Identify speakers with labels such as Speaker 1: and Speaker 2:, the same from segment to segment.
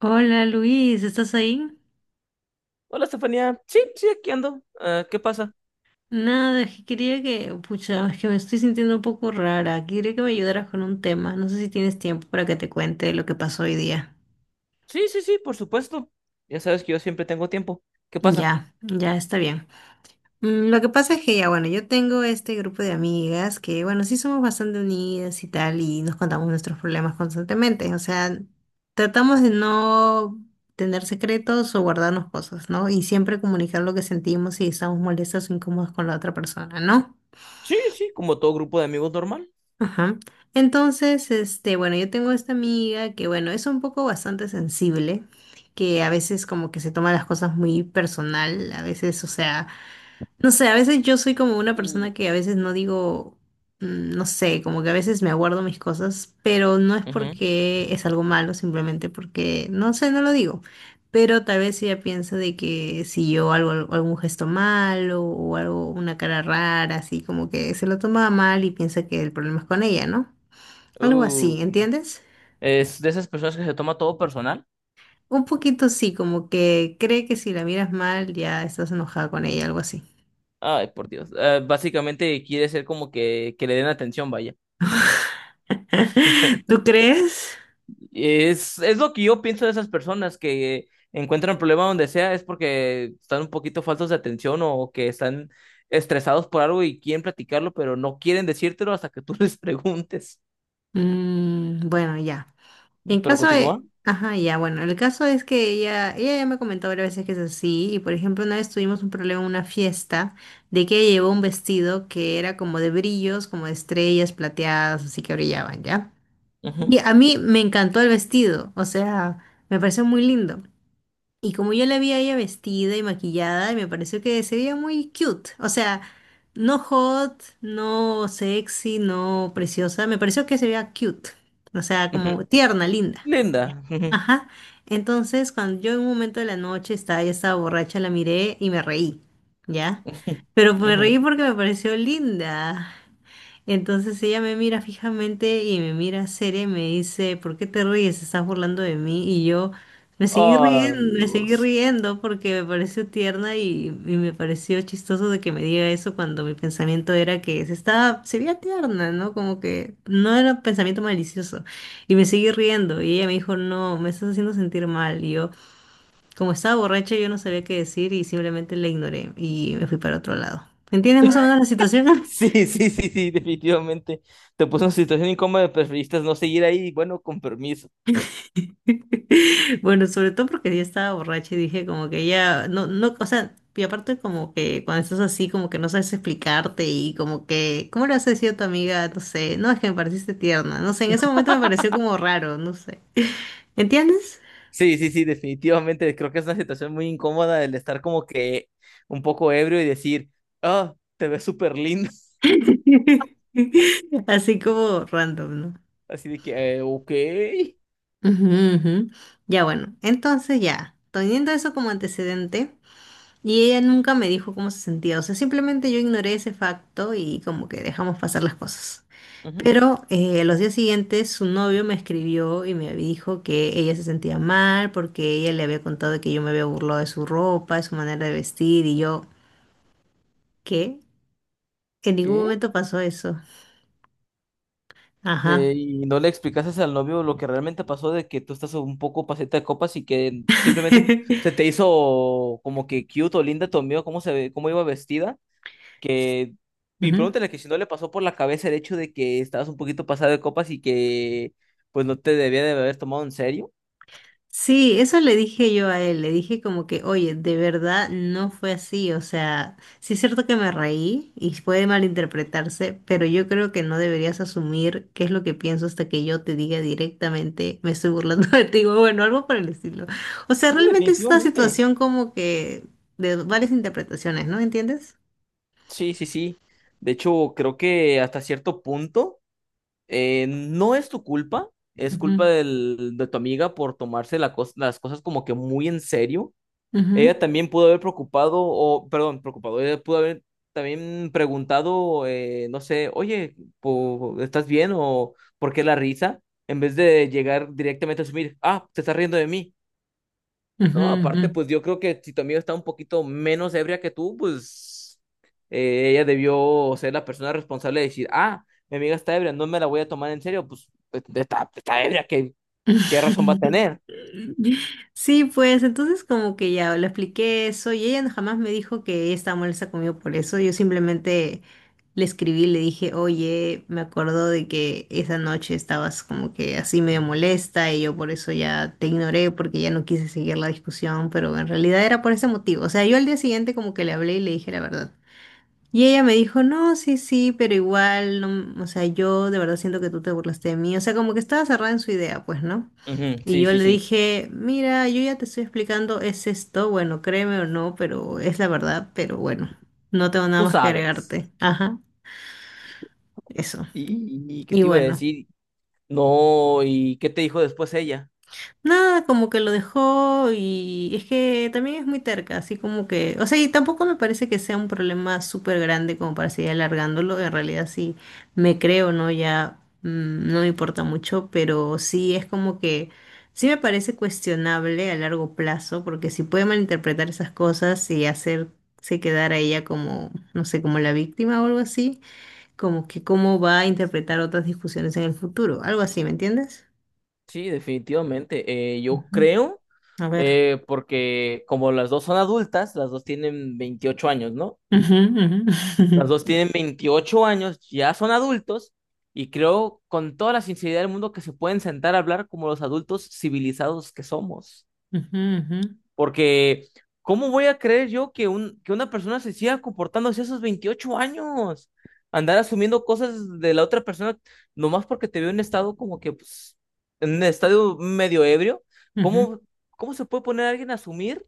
Speaker 1: Hola Luis, ¿estás ahí?
Speaker 2: Hola, Estefanía. Sí, sí, aquí ando. ¿Qué pasa?
Speaker 1: Nada, es que quería que, pucha, es que me estoy sintiendo un poco rara. Quería que me ayudaras con un tema. No sé si tienes tiempo para que te cuente lo que pasó hoy día.
Speaker 2: Sí, sí, sí, por supuesto. Ya sabes que yo siempre tengo tiempo. ¿Qué pasa?
Speaker 1: Ya, está bien. Lo que pasa es que ya, bueno, yo tengo este grupo de amigas que, bueno, sí somos bastante unidas y tal, y nos contamos nuestros problemas constantemente. O sea, tratamos de no tener secretos o guardarnos cosas, ¿no? Y siempre comunicar lo que sentimos si estamos molestas o incómodas con la otra persona, ¿no?
Speaker 2: Sí, sí, como todo grupo de amigos normal.
Speaker 1: Ajá. Entonces, este, bueno, yo tengo esta amiga que, bueno, es un poco bastante sensible, que a veces como que se toma las cosas muy personal, a veces, o sea, no sé, a veces yo soy como una persona
Speaker 2: Uy.
Speaker 1: que a veces no digo, no sé, como que a veces me aguardo mis cosas, pero no es
Speaker 2: Ujú.
Speaker 1: porque es algo malo, simplemente porque, no sé, no lo digo. Pero tal vez ella piensa de que si yo hago algún gesto malo o algo, una cara rara, así como que se lo toma mal y piensa que el problema es con ella, ¿no? Algo así,
Speaker 2: Uy.
Speaker 1: ¿entiendes?
Speaker 2: Es de esas personas que se toma todo personal.
Speaker 1: Un poquito sí, como que cree que si la miras mal ya estás enojada con ella, algo así.
Speaker 2: Ay, por Dios. Básicamente quiere ser como que le den atención, vaya.
Speaker 1: ¿Tú crees?
Speaker 2: Es lo que yo pienso de esas personas que encuentran problema donde sea, es porque están un poquito faltos de atención o que están estresados por algo y quieren platicarlo, pero no quieren decírtelo hasta que tú les preguntes.
Speaker 1: Mm, bueno, ya. En
Speaker 2: Pero
Speaker 1: caso
Speaker 2: continúa.
Speaker 1: de... Ajá, ya, bueno, el caso es que ella ya me comentó varias veces que es así, y por ejemplo, una vez tuvimos un problema en una fiesta de que ella llevó un vestido que era como de brillos, como de estrellas plateadas, así que brillaban, ¿ya? Y
Speaker 2: Ujú,
Speaker 1: a mí me encantó el vestido, o sea, me pareció muy lindo. Y como yo la vi a ella vestida y maquillada, me pareció que se veía muy cute. O sea, no hot, no sexy, no preciosa. Me pareció que se veía cute. O sea, como
Speaker 2: ujú.
Speaker 1: tierna, linda.
Speaker 2: Linda. Ujú,
Speaker 1: Ajá. Entonces, cuando yo en un momento de la noche estaba, ya estaba borracha, la miré y me reí. ¿Ya? Pero
Speaker 2: ujú,
Speaker 1: me
Speaker 2: ujú.
Speaker 1: reí porque me pareció linda. Entonces ella me mira fijamente y me mira seria y me dice, ¿por qué te ríes? Estás burlando de mí. Y yo me seguí
Speaker 2: Ay,
Speaker 1: riendo, me seguí
Speaker 2: Dios.
Speaker 1: riendo porque me pareció tierna y me pareció chistoso de que me diga eso cuando mi pensamiento era que se estaba, se veía tierna, ¿no? Como que no era un pensamiento malicioso. Y me seguí riendo y ella me dijo, no, me estás haciendo sentir mal. Y yo, como estaba borracha, yo no sabía qué decir y simplemente la ignoré y me fui para otro lado. ¿Entiendes más o menos la situación?
Speaker 2: Sí, sí, sí, sí, definitivamente. Te puso en una situación incómoda, preferiste no seguir ahí, bueno, con permiso.
Speaker 1: Bueno, sobre todo porque yo estaba borracha y dije como que ya, no, o sea, y aparte como que cuando estás así como que no sabes explicarte y como que, ¿cómo le has decir a tu amiga? No sé, no, es que me pareciste tierna, no sé, en ese momento me pareció como raro, no sé, ¿entiendes?
Speaker 2: Sí, sí, sí, definitivamente. Creo que es una situación muy incómoda el estar como que un poco ebrio y decir, ah, te ves súper lindo.
Speaker 1: Así como random, ¿no?
Speaker 2: Así de que, ok.
Speaker 1: Ujú, ujú. Ya bueno, entonces ya, teniendo eso como antecedente. Y ella nunca me dijo cómo se sentía, o sea, simplemente yo ignoré ese facto y como que dejamos pasar las cosas.
Speaker 2: Ujú.
Speaker 1: Pero los días siguientes su novio me escribió y me dijo que ella se sentía mal porque ella le había contado que yo me había burlado de su ropa, de su manera de vestir y yo, ¿qué? En ningún
Speaker 2: ¿Qué?
Speaker 1: momento pasó eso. Ajá.
Speaker 2: ¿Y no le explicases al novio lo que realmente pasó de que tú estás un poco paseta de copas y que simplemente se te hizo como que cute o linda tu amigo, cómo se ve, cómo iba vestida, que y
Speaker 1: Ujú.
Speaker 2: pregúntale que si no le pasó por la cabeza el hecho de que estabas un poquito pasada de copas y que pues no te debía de haber tomado en serio?
Speaker 1: Sí, eso le dije yo a él, le dije como que, oye, de verdad no fue así, o sea, sí es cierto que me reí y puede malinterpretarse, pero yo creo que no deberías asumir qué es lo que pienso hasta que yo te diga directamente, me estoy burlando de ti, o bueno, algo por el estilo. O sea,
Speaker 2: Sí,
Speaker 1: realmente es una
Speaker 2: definitivamente.
Speaker 1: situación como que de varias interpretaciones, ¿no? ¿Entiendes?
Speaker 2: Sí, sí, sí. De hecho, creo que hasta cierto punto no es tu culpa, es culpa
Speaker 1: Ujú,
Speaker 2: de tu amiga por tomarse las cosas como que muy en serio.
Speaker 1: ujú,
Speaker 2: Ella también pudo haber preocupado, o perdón, preocupado, ella pudo haber también preguntado, no sé, oye, ¿estás bien o por qué la risa? En vez de llegar directamente a asumir, ah, te estás riendo de mí.
Speaker 1: ujú,
Speaker 2: No, aparte,
Speaker 1: ujú.
Speaker 2: pues yo creo que si tu amiga está un poquito menos ebria que tú, pues ella debió ser la persona responsable de decir, ah, mi amiga está ebria, no me la voy a tomar en serio, pues está ebria, ¿qué, qué razón va a tener?
Speaker 1: Sí, pues entonces como que ya le expliqué eso y ella jamás me dijo que ella estaba molesta conmigo por eso. Yo simplemente le escribí, y le dije, oye, me acuerdo de que esa noche estabas como que así medio molesta y yo por eso ya te ignoré porque ya no quise seguir la discusión, pero en realidad era por ese motivo. O sea, yo al día siguiente como que le hablé y le dije la verdad. Y ella me dijo, no, sí, sí, pero igual, no o sea, yo de verdad siento que tú te burlaste de mí. O sea, como que estaba cerrada en su idea, pues, ¿no?
Speaker 2: Ujú,
Speaker 1: Y
Speaker 2: sí,
Speaker 1: yo
Speaker 2: sí,
Speaker 1: le
Speaker 2: sí.
Speaker 1: dije, mira, yo ya te estoy explicando, es esto, bueno, créeme o no, pero es la verdad, pero bueno, no tengo nada
Speaker 2: Tú
Speaker 1: más que
Speaker 2: sabes.
Speaker 1: agregarte. Ajá, eso.
Speaker 2: ¿Y qué
Speaker 1: Y
Speaker 2: te iba a
Speaker 1: bueno.
Speaker 2: decir? No, ¿y qué te dijo después ella?
Speaker 1: Nada, como que lo dejó y es que también es muy terca, así como que, o sea, y tampoco me parece que sea un problema súper grande como para seguir alargándolo, en realidad sí me creo, ¿no? Ya no me importa mucho, pero sí es como que, sí me parece cuestionable a largo plazo, porque si puede malinterpretar esas cosas y hacerse quedar a ella como, no sé, como la víctima o algo así, como que cómo va a interpretar otras discusiones en el futuro, algo así, ¿me entiendes?
Speaker 2: Sí, definitivamente. Yo
Speaker 1: Ujú.
Speaker 2: creo,
Speaker 1: A ver.
Speaker 2: porque como las dos son adultas, las dos tienen 28 años, ¿no?
Speaker 1: Ujú, ujú,
Speaker 2: Las dos tienen 28 años, ya son adultos y creo con toda la sinceridad del mundo que se pueden sentar a hablar como los adultos civilizados que somos.
Speaker 1: ujú, ujú,
Speaker 2: Porque, ¿cómo voy a creer yo que una persona se siga comportando así a esos 28 años? Andar asumiendo cosas de la otra persona nomás porque te veo en estado como que, pues, en un estado medio ebrio.
Speaker 1: ujú.
Speaker 2: ¿Cómo, cómo se puede poner a alguien a asumir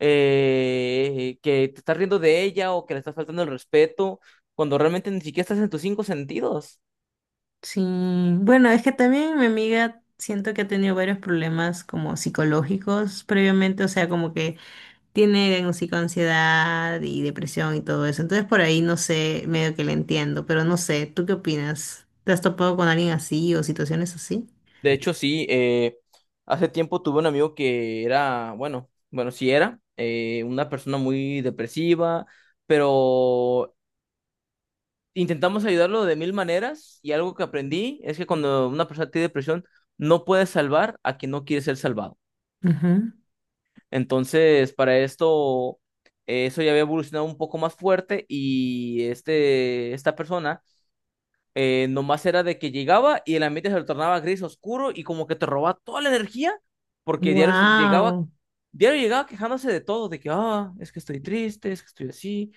Speaker 2: que te estás riendo de ella o que le estás faltando el respeto, cuando realmente ni siquiera estás en tus cinco sentidos?
Speaker 1: Sí, bueno, es que también mi amiga siento que ha tenido varios problemas como psicológicos previamente, o sea, como que tiene como psicoansiedad y depresión y todo eso. Entonces por ahí no sé, medio que le entiendo, pero no sé, ¿tú qué opinas? ¿Te has topado con alguien así o situaciones así?
Speaker 2: De hecho, sí, hace tiempo tuve un amigo que era, sí era, una persona muy depresiva, pero intentamos ayudarlo de mil maneras y algo que aprendí es que cuando una persona tiene depresión, no puedes salvar a quien no quiere ser salvado. Entonces, para esto, eso ya había evolucionado un poco más fuerte y esta persona nomás era de que llegaba y el ambiente se lo tornaba gris oscuro y como que te robaba toda la energía porque diario llegaba,
Speaker 1: Wow.
Speaker 2: diario llegaba quejándose de todo, de que, ah, es que estoy triste, es que estoy así.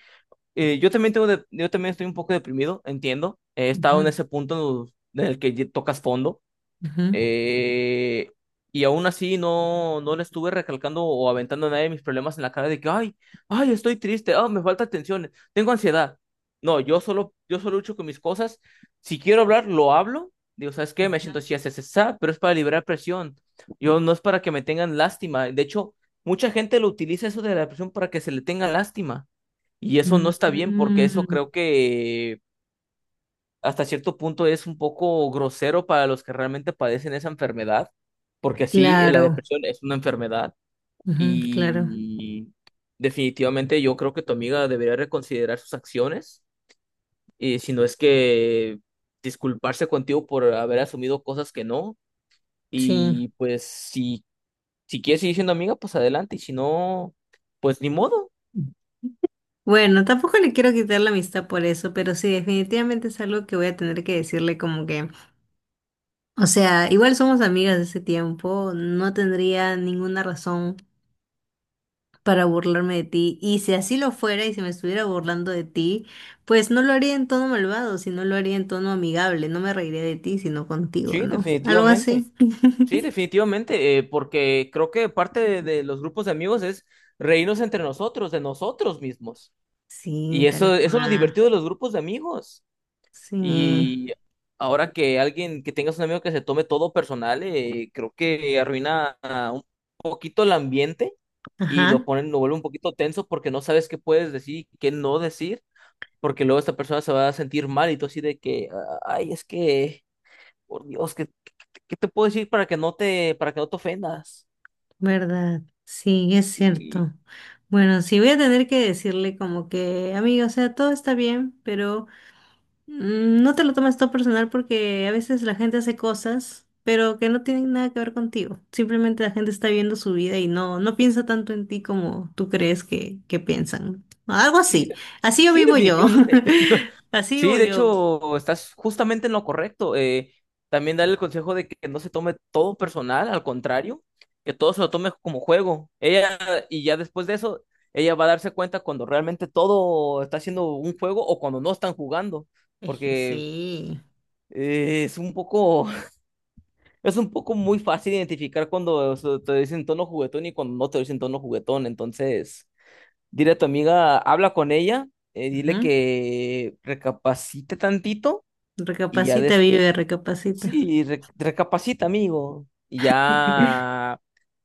Speaker 2: Yo también tengo yo también estoy un poco deprimido, entiendo. He estado en ese punto en el que tocas fondo.
Speaker 1: Ujú,
Speaker 2: Eh, y aún así no le estuve recalcando o aventando a nadie mis problemas en la cara de que, ay, ay, estoy triste, ah, me falta atención, tengo ansiedad. No, yo solo lucho con mis cosas. Si quiero hablar, lo hablo. Digo, ¿sabes qué? Me siento así,
Speaker 1: ujú.
Speaker 2: así, así, así", pero es para liberar presión. Yo no es para que me tengan lástima. De hecho, mucha gente lo utiliza eso de la presión para que se le tenga lástima. Y eso no está bien porque
Speaker 1: Mm,
Speaker 2: eso creo que hasta cierto punto es un poco grosero para los que realmente padecen esa enfermedad, porque sí, la
Speaker 1: claro,
Speaker 2: depresión es una enfermedad
Speaker 1: ujú, claro,
Speaker 2: y definitivamente yo creo que tu amiga debería reconsiderar sus acciones, y si no es que disculparse contigo por haber asumido cosas que no,
Speaker 1: sí.
Speaker 2: y pues si, si quieres seguir siendo amiga, pues adelante, y si no, pues ni modo,
Speaker 1: Bueno, tampoco le quiero quitar la amistad por eso, pero sí, definitivamente es algo que voy a tener que decirle como que, o sea, igual somos amigas de ese tiempo, no tendría ninguna razón para burlarme de ti, y si así lo fuera y si me estuviera burlando de ti, pues no lo haría en tono malvado, sino lo haría en tono amigable, no me reiría de ti, sino contigo,
Speaker 2: sí,
Speaker 1: ¿no? Algo
Speaker 2: definitivamente.
Speaker 1: así.
Speaker 2: Sí, definitivamente, porque creo que parte de los grupos de amigos es reírnos entre nosotros, de nosotros mismos.
Speaker 1: Sí,
Speaker 2: Y
Speaker 1: tal
Speaker 2: eso es lo
Speaker 1: cual.
Speaker 2: divertido de los grupos de amigos.
Speaker 1: Sí,
Speaker 2: Y ahora que alguien, que tengas un amigo que se tome todo personal, creo que arruina ah, un poquito el ambiente y lo
Speaker 1: ajá,
Speaker 2: ponen, lo vuelve un poquito tenso porque no sabes qué puedes decir y qué no decir, porque luego esta persona se va a sentir mal y tú así de que, "Ah, ay, es que, por Dios, ¿qué, qué te puedo decir para que no te, para que no te ofendas?
Speaker 1: verdad, sí, es
Speaker 2: Sí,
Speaker 1: cierto. Bueno, sí, voy a tener que decirle como que, amigo, o sea, todo está bien, pero no te lo tomes todo personal porque a veces la gente hace cosas, pero que no tienen nada que ver contigo. Simplemente la gente está viendo su vida y no piensa tanto en ti como tú crees que piensan. Algo
Speaker 2: sí,
Speaker 1: así, así yo
Speaker 2: sí,
Speaker 1: vivo yo,
Speaker 2: definitivamente.
Speaker 1: así
Speaker 2: Sí,
Speaker 1: vivo
Speaker 2: de
Speaker 1: yo.
Speaker 2: hecho, estás justamente en lo correcto. También darle el consejo de que no se tome todo personal, al contrario, que todo se lo tome como juego. Ella, y ya después de eso, ella va a darse cuenta cuando realmente todo está siendo un juego o cuando no están jugando,
Speaker 1: Es que
Speaker 2: porque
Speaker 1: sí,
Speaker 2: es un poco, es un poco muy fácil identificar cuando o sea, te dicen tono juguetón y cuando no te dicen tono juguetón. Entonces, dile a tu amiga, habla con ella, dile
Speaker 1: ajá.
Speaker 2: que recapacite tantito y ya
Speaker 1: Recapacita,
Speaker 2: des...
Speaker 1: vive, recapacita.
Speaker 2: Sí, recapacita, amigo. Y ya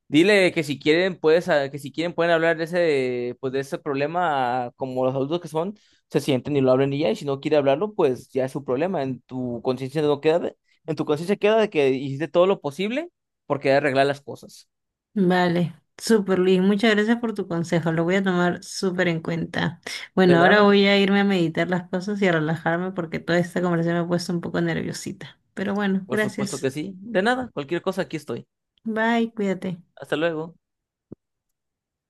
Speaker 2: dile que si quieren puedes ah, que si quieren pueden hablar de ese pues de ese problema ah, como los adultos que son, se sienten y lo hablan y ya, y si no quiere hablarlo, pues ya es su problema. En tu conciencia no queda en tu conciencia queda de que hiciste todo lo posible por querer arreglar las cosas.
Speaker 1: Vale, súper Luis, muchas gracias por tu consejo, lo voy a tomar súper en cuenta. Bueno,
Speaker 2: De
Speaker 1: ahora
Speaker 2: nada,
Speaker 1: voy a irme a meditar las cosas y a relajarme porque toda esta conversación me ha puesto un poco nerviosita. Pero bueno,
Speaker 2: por supuesto
Speaker 1: gracias.
Speaker 2: que sí. De nada, cualquier cosa aquí estoy.
Speaker 1: Bye, cuídate.
Speaker 2: Hasta luego.